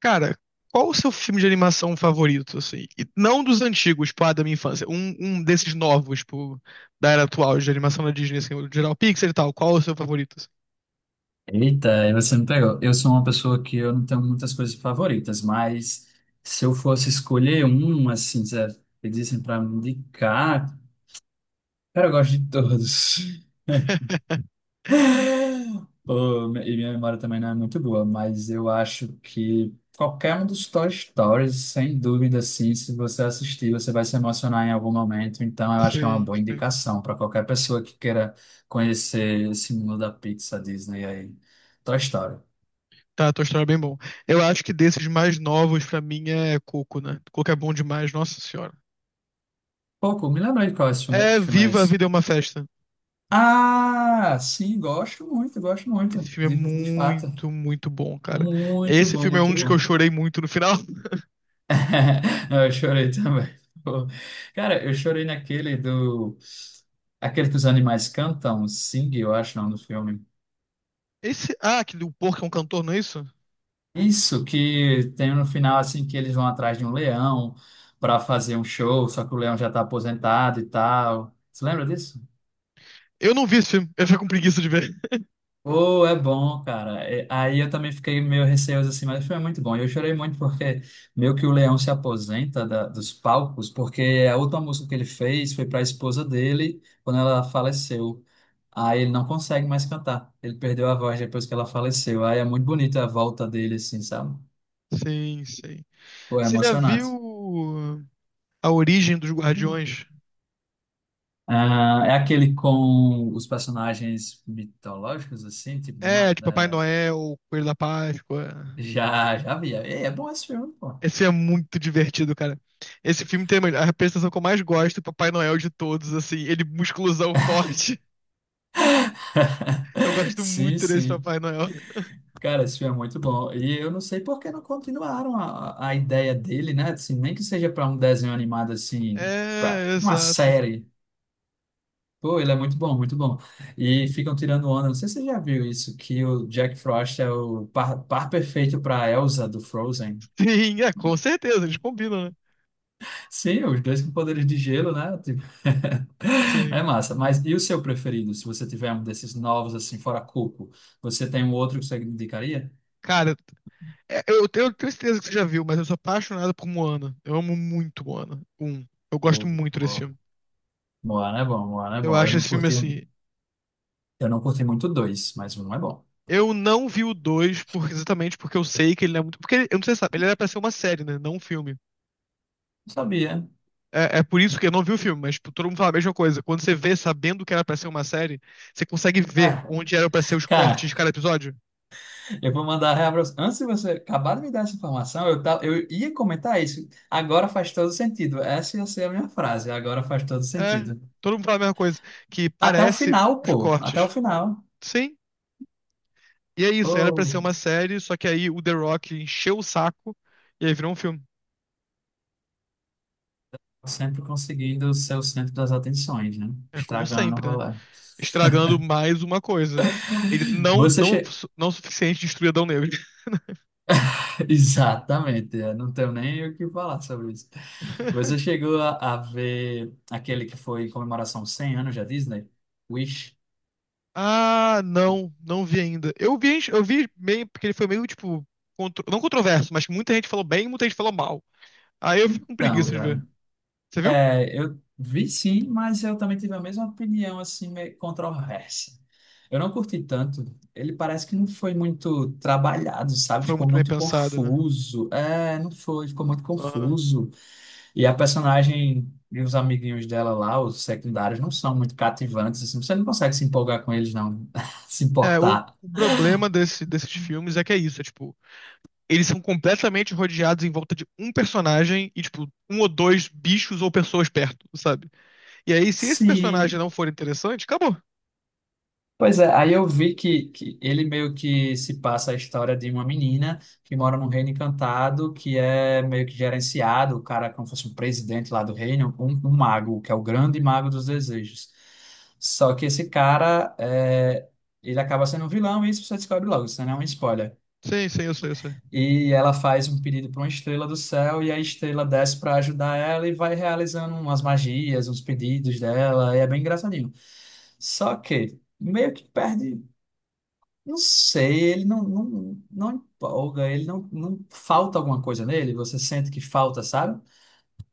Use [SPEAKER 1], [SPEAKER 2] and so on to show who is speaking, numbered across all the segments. [SPEAKER 1] Cara, qual o seu filme de animação favorito, assim? E não dos antigos, tipo, ah, da minha infância. Um desses novos, tipo, da era atual, de animação da Disney, assim, o geral Pixar e tal. Qual o seu favorito, assim?
[SPEAKER 2] Eita, aí você me pegou. Eu sou uma pessoa que eu não tenho muitas coisas favoritas, mas se eu fosse escolher um, assim, se pedissem para me indicar, cara, eu gosto de todos. Pô, e minha memória também não é muito boa, mas eu acho que qualquer um dos Toy Stories, sem dúvida, assim, se você assistir, você vai se emocionar em algum momento. Então, eu acho que é uma
[SPEAKER 1] Sim,
[SPEAKER 2] boa
[SPEAKER 1] sim.
[SPEAKER 2] indicação para qualquer pessoa que queira conhecer esse mundo da Pixar, Disney aí. Toy Story.
[SPEAKER 1] Tá, a tua história é bem bom. Eu acho que desses mais novos, pra mim, é Coco, né? Coco é bom demais, nossa senhora.
[SPEAKER 2] Pouco, me lembra de qual é esse filme, que
[SPEAKER 1] É
[SPEAKER 2] filme é
[SPEAKER 1] Viva a
[SPEAKER 2] esse?
[SPEAKER 1] Vida é uma Festa.
[SPEAKER 2] Ah, sim, gosto muito,
[SPEAKER 1] Esse filme é
[SPEAKER 2] de fato.
[SPEAKER 1] muito, muito bom, cara.
[SPEAKER 2] Muito
[SPEAKER 1] Esse
[SPEAKER 2] bom,
[SPEAKER 1] filme é um
[SPEAKER 2] muito
[SPEAKER 1] dos que eu
[SPEAKER 2] bom.
[SPEAKER 1] chorei muito no final.
[SPEAKER 2] Não, eu chorei também. Pô. Cara, eu chorei naquele do. Aquele que os animais cantam, Sing, eu acho, não, do filme.
[SPEAKER 1] Esse. Ah, que o porco é um cantor, não é isso?
[SPEAKER 2] Isso, que tem no final, assim, que eles vão atrás de um leão para fazer um show, só que o leão já tá aposentado e tal. Você lembra disso?
[SPEAKER 1] Eu não vi esse filme, eu fico com preguiça de ver.
[SPEAKER 2] Oh, é bom, cara. É, aí eu também fiquei meio receoso assim, mas o filme é muito bom. Eu chorei muito porque meio que o Leão se aposenta dos palcos, porque a última música que ele fez foi para a esposa dele quando ela faleceu. Aí ele não consegue mais cantar. Ele perdeu a voz depois que ela faleceu. Aí é muito bonita a volta dele, assim, sabe?
[SPEAKER 1] Sim, sim.
[SPEAKER 2] Pô, é
[SPEAKER 1] Você já viu
[SPEAKER 2] emocionante.
[SPEAKER 1] ah, A Origem dos Guardiões?
[SPEAKER 2] Ah, é aquele com os personagens mitológicos, assim, tipo de.
[SPEAKER 1] É, de Papai Noel, Coelho da Páscoa.
[SPEAKER 2] Já, já vi. É, é bom esse filme, pô.
[SPEAKER 1] Esse é muito divertido, cara. Esse filme tem a representação que eu mais gosto, Papai Noel de todos, assim, ele musculosão forte. Eu gosto
[SPEAKER 2] Sim,
[SPEAKER 1] muito desse
[SPEAKER 2] sim.
[SPEAKER 1] Papai Noel.
[SPEAKER 2] Cara, esse filme é muito bom. E eu não sei por que não continuaram a ideia dele, né? Assim, nem que seja para um desenho animado, assim, para
[SPEAKER 1] É,
[SPEAKER 2] uma
[SPEAKER 1] exato.
[SPEAKER 2] série. Pô, ele é muito bom, muito bom. E ficam tirando onda. Não sei se você já viu isso, que o Jack Frost é o par, par perfeito para Elsa do Frozen.
[SPEAKER 1] Sim, é, com certeza, eles combinam, né?
[SPEAKER 2] Sim, os dois com poderes de gelo, né? Tipo, é
[SPEAKER 1] Sim.
[SPEAKER 2] massa. Mas e o seu preferido? Se você tiver um desses novos, assim, fora Coco, você tem um outro que você indicaria?
[SPEAKER 1] Cara, é, eu tenho certeza que você já viu, mas eu sou apaixonado por Moana. Eu amo muito Moana. Um. Eu gosto
[SPEAKER 2] Bom,
[SPEAKER 1] muito desse
[SPEAKER 2] bom.
[SPEAKER 1] filme.
[SPEAKER 2] Moana é bom, Moana é
[SPEAKER 1] Eu
[SPEAKER 2] bom.
[SPEAKER 1] acho esse filme assim.
[SPEAKER 2] Eu não curti muito dois, mas um é bom.
[SPEAKER 1] Eu não vi o dois por, exatamente porque eu sei que ele não é muito. Porque ele- eu não sei se sabe, ele era pra ser uma série, né? Não um filme.
[SPEAKER 2] Não sabia.
[SPEAKER 1] É, é por isso que eu não vi o filme, mas tipo, todo mundo fala a mesma coisa. Quando você vê sabendo que era pra ser uma série, você consegue ver
[SPEAKER 2] Ah,
[SPEAKER 1] onde eram pra ser os cortes
[SPEAKER 2] cara,
[SPEAKER 1] de cada episódio.
[SPEAKER 2] eu vou mandar real pra você. Antes de você acabar de me dar essa informação, tava, eu ia comentar isso. Agora faz todo sentido. Essa ia ser a minha frase. Agora faz todo
[SPEAKER 1] É,
[SPEAKER 2] sentido.
[SPEAKER 1] todo mundo fala a mesma coisa. Que
[SPEAKER 2] Até o
[SPEAKER 1] parece
[SPEAKER 2] final,
[SPEAKER 1] os
[SPEAKER 2] pô. Até o
[SPEAKER 1] cortes.
[SPEAKER 2] final.
[SPEAKER 1] Sim. E é isso, era pra
[SPEAKER 2] Pô,
[SPEAKER 1] ser uma série, só que aí o The Rock encheu o saco e aí virou um filme.
[SPEAKER 2] sempre conseguindo ser o centro das atenções, né?
[SPEAKER 1] É como
[SPEAKER 2] Estragando o
[SPEAKER 1] sempre, né?
[SPEAKER 2] rolê.
[SPEAKER 1] Estragando mais uma coisa. Ele
[SPEAKER 2] Você, che...
[SPEAKER 1] não o suficiente destruir Adão Negro.
[SPEAKER 2] Exatamente, eu não tenho nem o que falar sobre isso. Você chegou a ver aquele que foi em comemoração aos 100 anos da Disney? Wish?
[SPEAKER 1] Ah, não, não vi ainda. Eu vi meio, porque ele foi meio, tipo, contro- não controverso, mas muita gente falou bem e muita gente falou mal. Aí eu fico com preguiça
[SPEAKER 2] Então,
[SPEAKER 1] de
[SPEAKER 2] cara,
[SPEAKER 1] ver. Você viu?
[SPEAKER 2] eu vi sim, mas eu também tive a mesma opinião, assim, meio controversa. Eu não curti tanto. Ele parece que não foi muito trabalhado, sabe?
[SPEAKER 1] Foi
[SPEAKER 2] Ficou
[SPEAKER 1] muito bem
[SPEAKER 2] muito
[SPEAKER 1] pensado, né?
[SPEAKER 2] confuso. É, não foi, ficou muito
[SPEAKER 1] Aham.
[SPEAKER 2] confuso. E a personagem e os amiguinhos dela lá, os secundários, não são muito cativantes, assim, você não consegue se empolgar com eles, não, se
[SPEAKER 1] É, o,
[SPEAKER 2] importar.
[SPEAKER 1] o problema desses filmes é que é isso, é tipo, eles são completamente rodeados em volta de um personagem e, tipo, um ou dois bichos ou pessoas perto, sabe? E aí, se esse
[SPEAKER 2] Sim.
[SPEAKER 1] personagem não for interessante, acabou.
[SPEAKER 2] Pois é, aí eu vi que ele meio que se passa a história de uma menina que mora num reino encantado, que é meio que gerenciado, o cara é como se fosse um presidente lá do reino, um mago, que é o grande mago dos desejos. Só que esse cara, ele acaba sendo um vilão, e isso você descobre logo, isso não é um spoiler.
[SPEAKER 1] Sim, sim, eu sei, eu sei.
[SPEAKER 2] E ela faz um pedido para uma estrela do céu, e a estrela desce para ajudar ela e vai realizando umas magias, uns pedidos dela, e é bem engraçadinho. Só que meio que perde, não sei, ele não, não empolga, ele não, não falta alguma coisa nele, você sente que falta, sabe?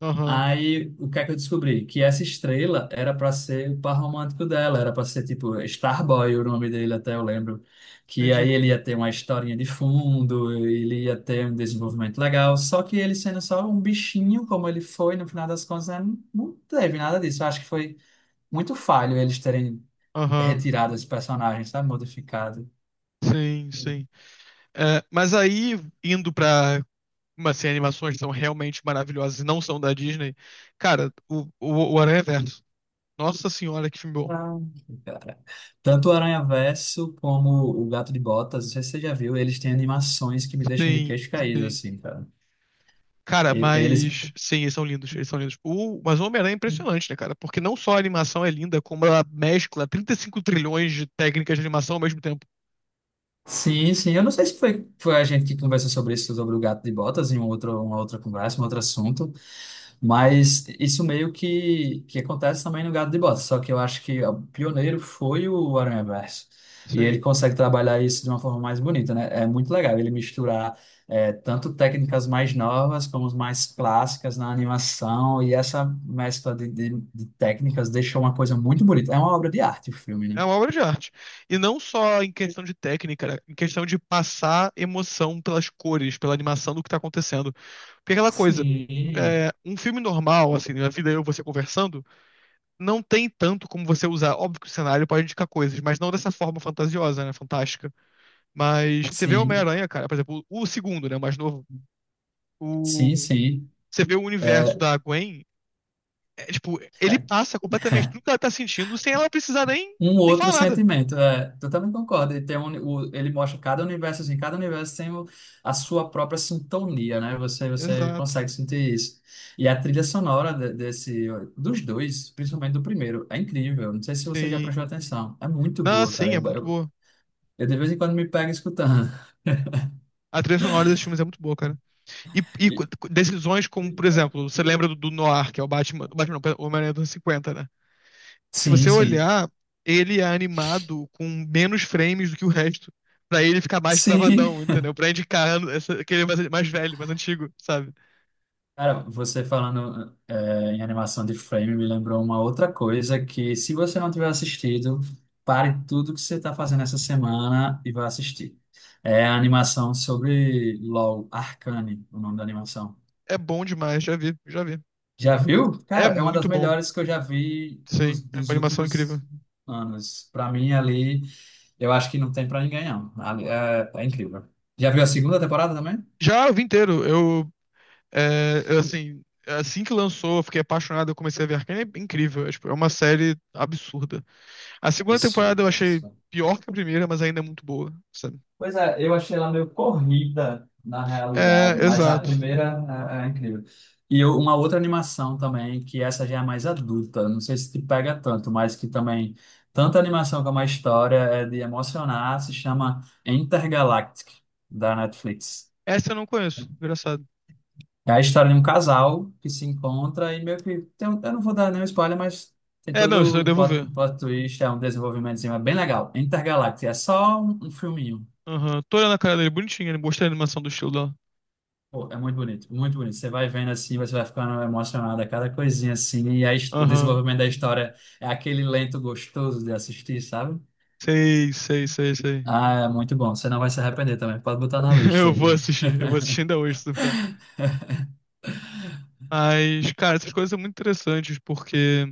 [SPEAKER 1] Aham,
[SPEAKER 2] Aí, o que é que eu descobri? Que essa estrela era para ser o par romântico dela, era para ser tipo Starboy, o nome dele, até eu lembro. Que aí
[SPEAKER 1] entendi.
[SPEAKER 2] ele ia ter uma historinha de fundo, ele ia ter um desenvolvimento legal, só que ele sendo só um bichinho, como ele foi, no final das contas, né, não teve nada disso. Eu acho que foi muito falho eles terem
[SPEAKER 1] Aham,
[SPEAKER 2] retirado esse personagem, sabe? Modificado.
[SPEAKER 1] sim, sim. É, mas aí, indo pra umas assim, animações que são realmente maravilhosas e não são da Disney, cara, o Aranha Verso. Nossa senhora, que filme bom.
[SPEAKER 2] Ah, cara. Tanto o Aranhaverso como o Gato de Botas, não sei se você já viu, eles têm animações que me deixam de
[SPEAKER 1] Sim,
[SPEAKER 2] queixo caído,
[SPEAKER 1] sim.
[SPEAKER 2] assim, cara.
[SPEAKER 1] Cara,
[SPEAKER 2] E- Eles.
[SPEAKER 1] mas sim, eles são lindos, eles são lindos. O, mas o Homem-Aranha é impressionante, né, cara? Porque não só a animação é linda, como ela mescla 35 trilhões de técnicas de animação ao mesmo tempo.
[SPEAKER 2] Sim, sim. Eu não sei se foi, foi a gente que conversou sobre isso, sobre o Gato de Botas, em um outro, uma outra conversa, um outro assunto. Mas isso meio que acontece também no Gato de Botas, só que eu acho que o pioneiro foi o Aranhaverso. E ele
[SPEAKER 1] Sim.
[SPEAKER 2] consegue trabalhar isso de uma forma mais bonita, né? É muito legal ele misturar tanto técnicas mais novas como as mais clássicas na animação, e essa mescla de técnicas deixou uma coisa muito bonita. É uma obra de arte o filme, né?
[SPEAKER 1] É uma obra de arte. E não só em questão de técnica, né? Em questão de passar emoção pelas cores, pela animação do que tá acontecendo. Porque é aquela coisa,
[SPEAKER 2] Sim.
[SPEAKER 1] é, um filme normal, assim, na vida eu e você conversando, não tem tanto como você usar. Óbvio que o cenário pode indicar coisas, mas não dessa forma fantasiosa, né? Fantástica. Mas você vê o
[SPEAKER 2] Sim,
[SPEAKER 1] Homem-Aranha, cara, por exemplo, o segundo, né, o mais novo,
[SPEAKER 2] sim,
[SPEAKER 1] o...
[SPEAKER 2] sim.
[SPEAKER 1] você vê o universo da Gwen, é, tipo, ele passa completamente tudo que ela tá sentindo sem ela precisar nem,
[SPEAKER 2] Um
[SPEAKER 1] nem falar
[SPEAKER 2] outro
[SPEAKER 1] nada.
[SPEAKER 2] sentimento, é. Eu também concordo. Ele, tem um, ele mostra cada universo, assim, cada universo tem a sua própria sintonia, né? Você
[SPEAKER 1] Exato,
[SPEAKER 2] consegue sentir isso. E a trilha sonora desse, dos dois, principalmente do primeiro, é incrível. Não sei se você já
[SPEAKER 1] sim.
[SPEAKER 2] prestou atenção. É muito
[SPEAKER 1] Não,
[SPEAKER 2] boa, cara.
[SPEAKER 1] sim, é muito boa.
[SPEAKER 2] Eu de vez em quando me pego escutando.
[SPEAKER 1] A trilha sonora desses filmes é muito boa, cara. E
[SPEAKER 2] E-
[SPEAKER 1] co- decisões como, por exemplo, você lembra do Noir, que é o Batman, não, o Homem-Aranha dos anos 50, né? Se
[SPEAKER 2] Sim,
[SPEAKER 1] você
[SPEAKER 2] sim.
[SPEAKER 1] olhar, ele é animado com menos frames do que o resto. Pra ele ficar mais
[SPEAKER 2] Sim,
[SPEAKER 1] travadão, entendeu? Pra indicar essa, que ele é mais, mais velho, mais antigo, sabe?
[SPEAKER 2] cara, você falando em animação de frame me lembrou uma outra coisa que, se você não tiver assistido, pare tudo que você está fazendo essa semana e vá assistir. É a animação sobre LOL, Arcane, o nome da animação.
[SPEAKER 1] É bom demais, já vi, já vi.
[SPEAKER 2] Já viu?
[SPEAKER 1] É
[SPEAKER 2] Cara, é uma das
[SPEAKER 1] muito bom.
[SPEAKER 2] melhores que eu já vi nos
[SPEAKER 1] Sim, é uma
[SPEAKER 2] dos
[SPEAKER 1] animação incrível.
[SPEAKER 2] últimos anos. Pra mim, ali, eu acho que não tem pra ninguém, não. Ali, é, é incrível. Já viu a segunda temporada também?
[SPEAKER 1] Já eu vi inteiro. Eu, é, eu, assim, assim que lançou, eu fiquei apaixonado, eu comecei a ver Arcane. É incrível, é, tipo, é uma série absurda. A segunda temporada eu
[SPEAKER 2] Absurdo,
[SPEAKER 1] achei
[SPEAKER 2] absurdo.
[SPEAKER 1] pior que a primeira, mas ainda é muito boa, sabe?
[SPEAKER 2] Pois é, eu achei ela meio corrida na
[SPEAKER 1] É,
[SPEAKER 2] realidade, mas a
[SPEAKER 1] exato.
[SPEAKER 2] primeira é, é incrível. Uma outra animação também, que essa já é mais adulta, não sei se te pega tanto, mas que também, tanto a animação como a história é de emocionar, se chama Intergalactic, da Netflix.
[SPEAKER 1] Essa eu não conheço, engraçado.
[SPEAKER 2] É a história de um casal que se encontra e meio que, tem eu não vou dar nenhum spoiler, mas tem
[SPEAKER 1] É, não, isso daí
[SPEAKER 2] todo
[SPEAKER 1] eu
[SPEAKER 2] um
[SPEAKER 1] devo
[SPEAKER 2] plot,
[SPEAKER 1] ver.
[SPEAKER 2] plot twist, é um desenvolvimentozinho, é bem legal. Intergalactic, é só um filminho.
[SPEAKER 1] Aham. Tô olhando a cara dele bonitinha, ele gostei da animação do estilo dela.
[SPEAKER 2] Pô, é muito bonito, muito bonito. Você vai vendo assim, você vai ficando emocionado a cada coisinha assim, e a o
[SPEAKER 1] Aham.
[SPEAKER 2] desenvolvimento da história é aquele lento gostoso de assistir, sabe?
[SPEAKER 1] Sei, sei, sei, sei.
[SPEAKER 2] Ah, é muito bom. Você não vai se arrepender também. Pode botar na lista aí.
[SPEAKER 1] Eu vou assistir ainda hoje, se duvidar. Mas, cara, essas coisas são muito interessantes, porque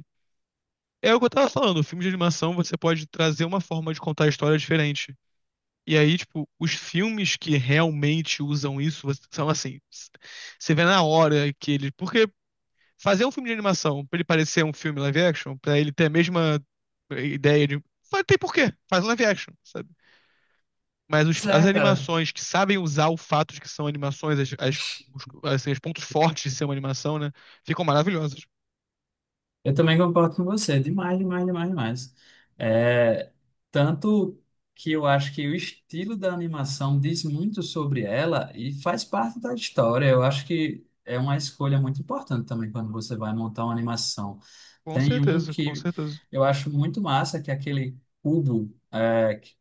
[SPEAKER 1] é o que eu tava falando, o filme de animação você pode trazer uma forma de contar a história diferente. E aí, tipo, os filmes que realmente usam isso você- são assim, s- você vê na hora que eles. Porque fazer um filme de animação pra ele parecer um filme live action, pra ele ter a mesma ideia de. Fa- tem porquê, faz um live action, sabe? Mas os-
[SPEAKER 2] Pois
[SPEAKER 1] as
[SPEAKER 2] é, cara.
[SPEAKER 1] animações que sabem usar o fato de que são animações, as- os, assim, os pontos fortes de ser uma animação, né? Ficam maravilhosas.
[SPEAKER 2] Eu também concordo com você. Demais, demais, demais, demais. É, tanto que eu acho que o estilo da animação diz muito sobre ela e faz parte da história. Eu acho que é uma escolha muito importante também quando você vai montar uma animação.
[SPEAKER 1] Com
[SPEAKER 2] Tem um
[SPEAKER 1] certeza, com
[SPEAKER 2] que
[SPEAKER 1] certeza.
[SPEAKER 2] eu acho muito massa, que é aquele cubo.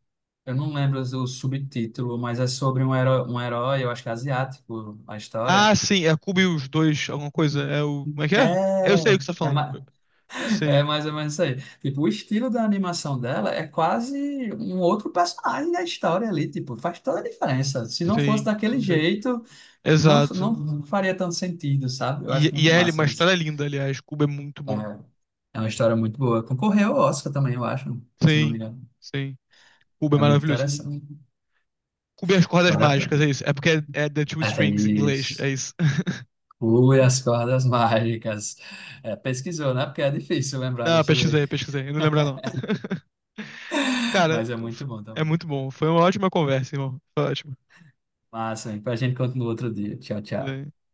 [SPEAKER 2] Eu não lembro o subtítulo, mas é sobre um herói, eu acho que é asiático, a história.
[SPEAKER 1] Ah, sim, é Cubo e os dois, alguma coisa. É o. Como é que é? Eu
[SPEAKER 2] É,
[SPEAKER 1] sei o que você tá
[SPEAKER 2] é,
[SPEAKER 1] falando.
[SPEAKER 2] ma- É
[SPEAKER 1] Sim,
[SPEAKER 2] mais ou menos isso aí. Tipo, o estilo da animação dela é quase um outro personagem da história ali. Tipo, faz toda a diferença. Se não fosse
[SPEAKER 1] sim,
[SPEAKER 2] daquele
[SPEAKER 1] sim.
[SPEAKER 2] jeito, não,
[SPEAKER 1] Exato.
[SPEAKER 2] não faria tanto sentido, sabe? Eu acho
[SPEAKER 1] E
[SPEAKER 2] muito
[SPEAKER 1] é uma
[SPEAKER 2] massa
[SPEAKER 1] história
[SPEAKER 2] isso.
[SPEAKER 1] é linda, aliás. Cubo é muito
[SPEAKER 2] É,
[SPEAKER 1] bom.
[SPEAKER 2] é uma história muito boa. Concorreu ao Oscar também, eu acho, se eu não me
[SPEAKER 1] Sim,
[SPEAKER 2] engano.
[SPEAKER 1] sim. Cubo é
[SPEAKER 2] É muito
[SPEAKER 1] maravilhoso.
[SPEAKER 2] interessante.
[SPEAKER 1] Cubem as cordas
[SPEAKER 2] Vale a
[SPEAKER 1] mágicas,
[SPEAKER 2] pena.
[SPEAKER 1] é isso. É porque é, é The Two
[SPEAKER 2] É
[SPEAKER 1] Strings em inglês,
[SPEAKER 2] isso.
[SPEAKER 1] é isso.
[SPEAKER 2] Ui, as cordas mágicas. É, pesquisou, né? Porque é difícil lembrar
[SPEAKER 1] Não,
[SPEAKER 2] dessa daí.
[SPEAKER 1] pesquisei, pesquisei. Eu não lembro, não. Cara,
[SPEAKER 2] Mas é muito bom
[SPEAKER 1] é
[SPEAKER 2] também.
[SPEAKER 1] muito bom. Foi uma ótima conversa, irmão. Foi ótimo.
[SPEAKER 2] Massa, hein? A gente continua outro dia. Tchau, tchau.
[SPEAKER 1] É.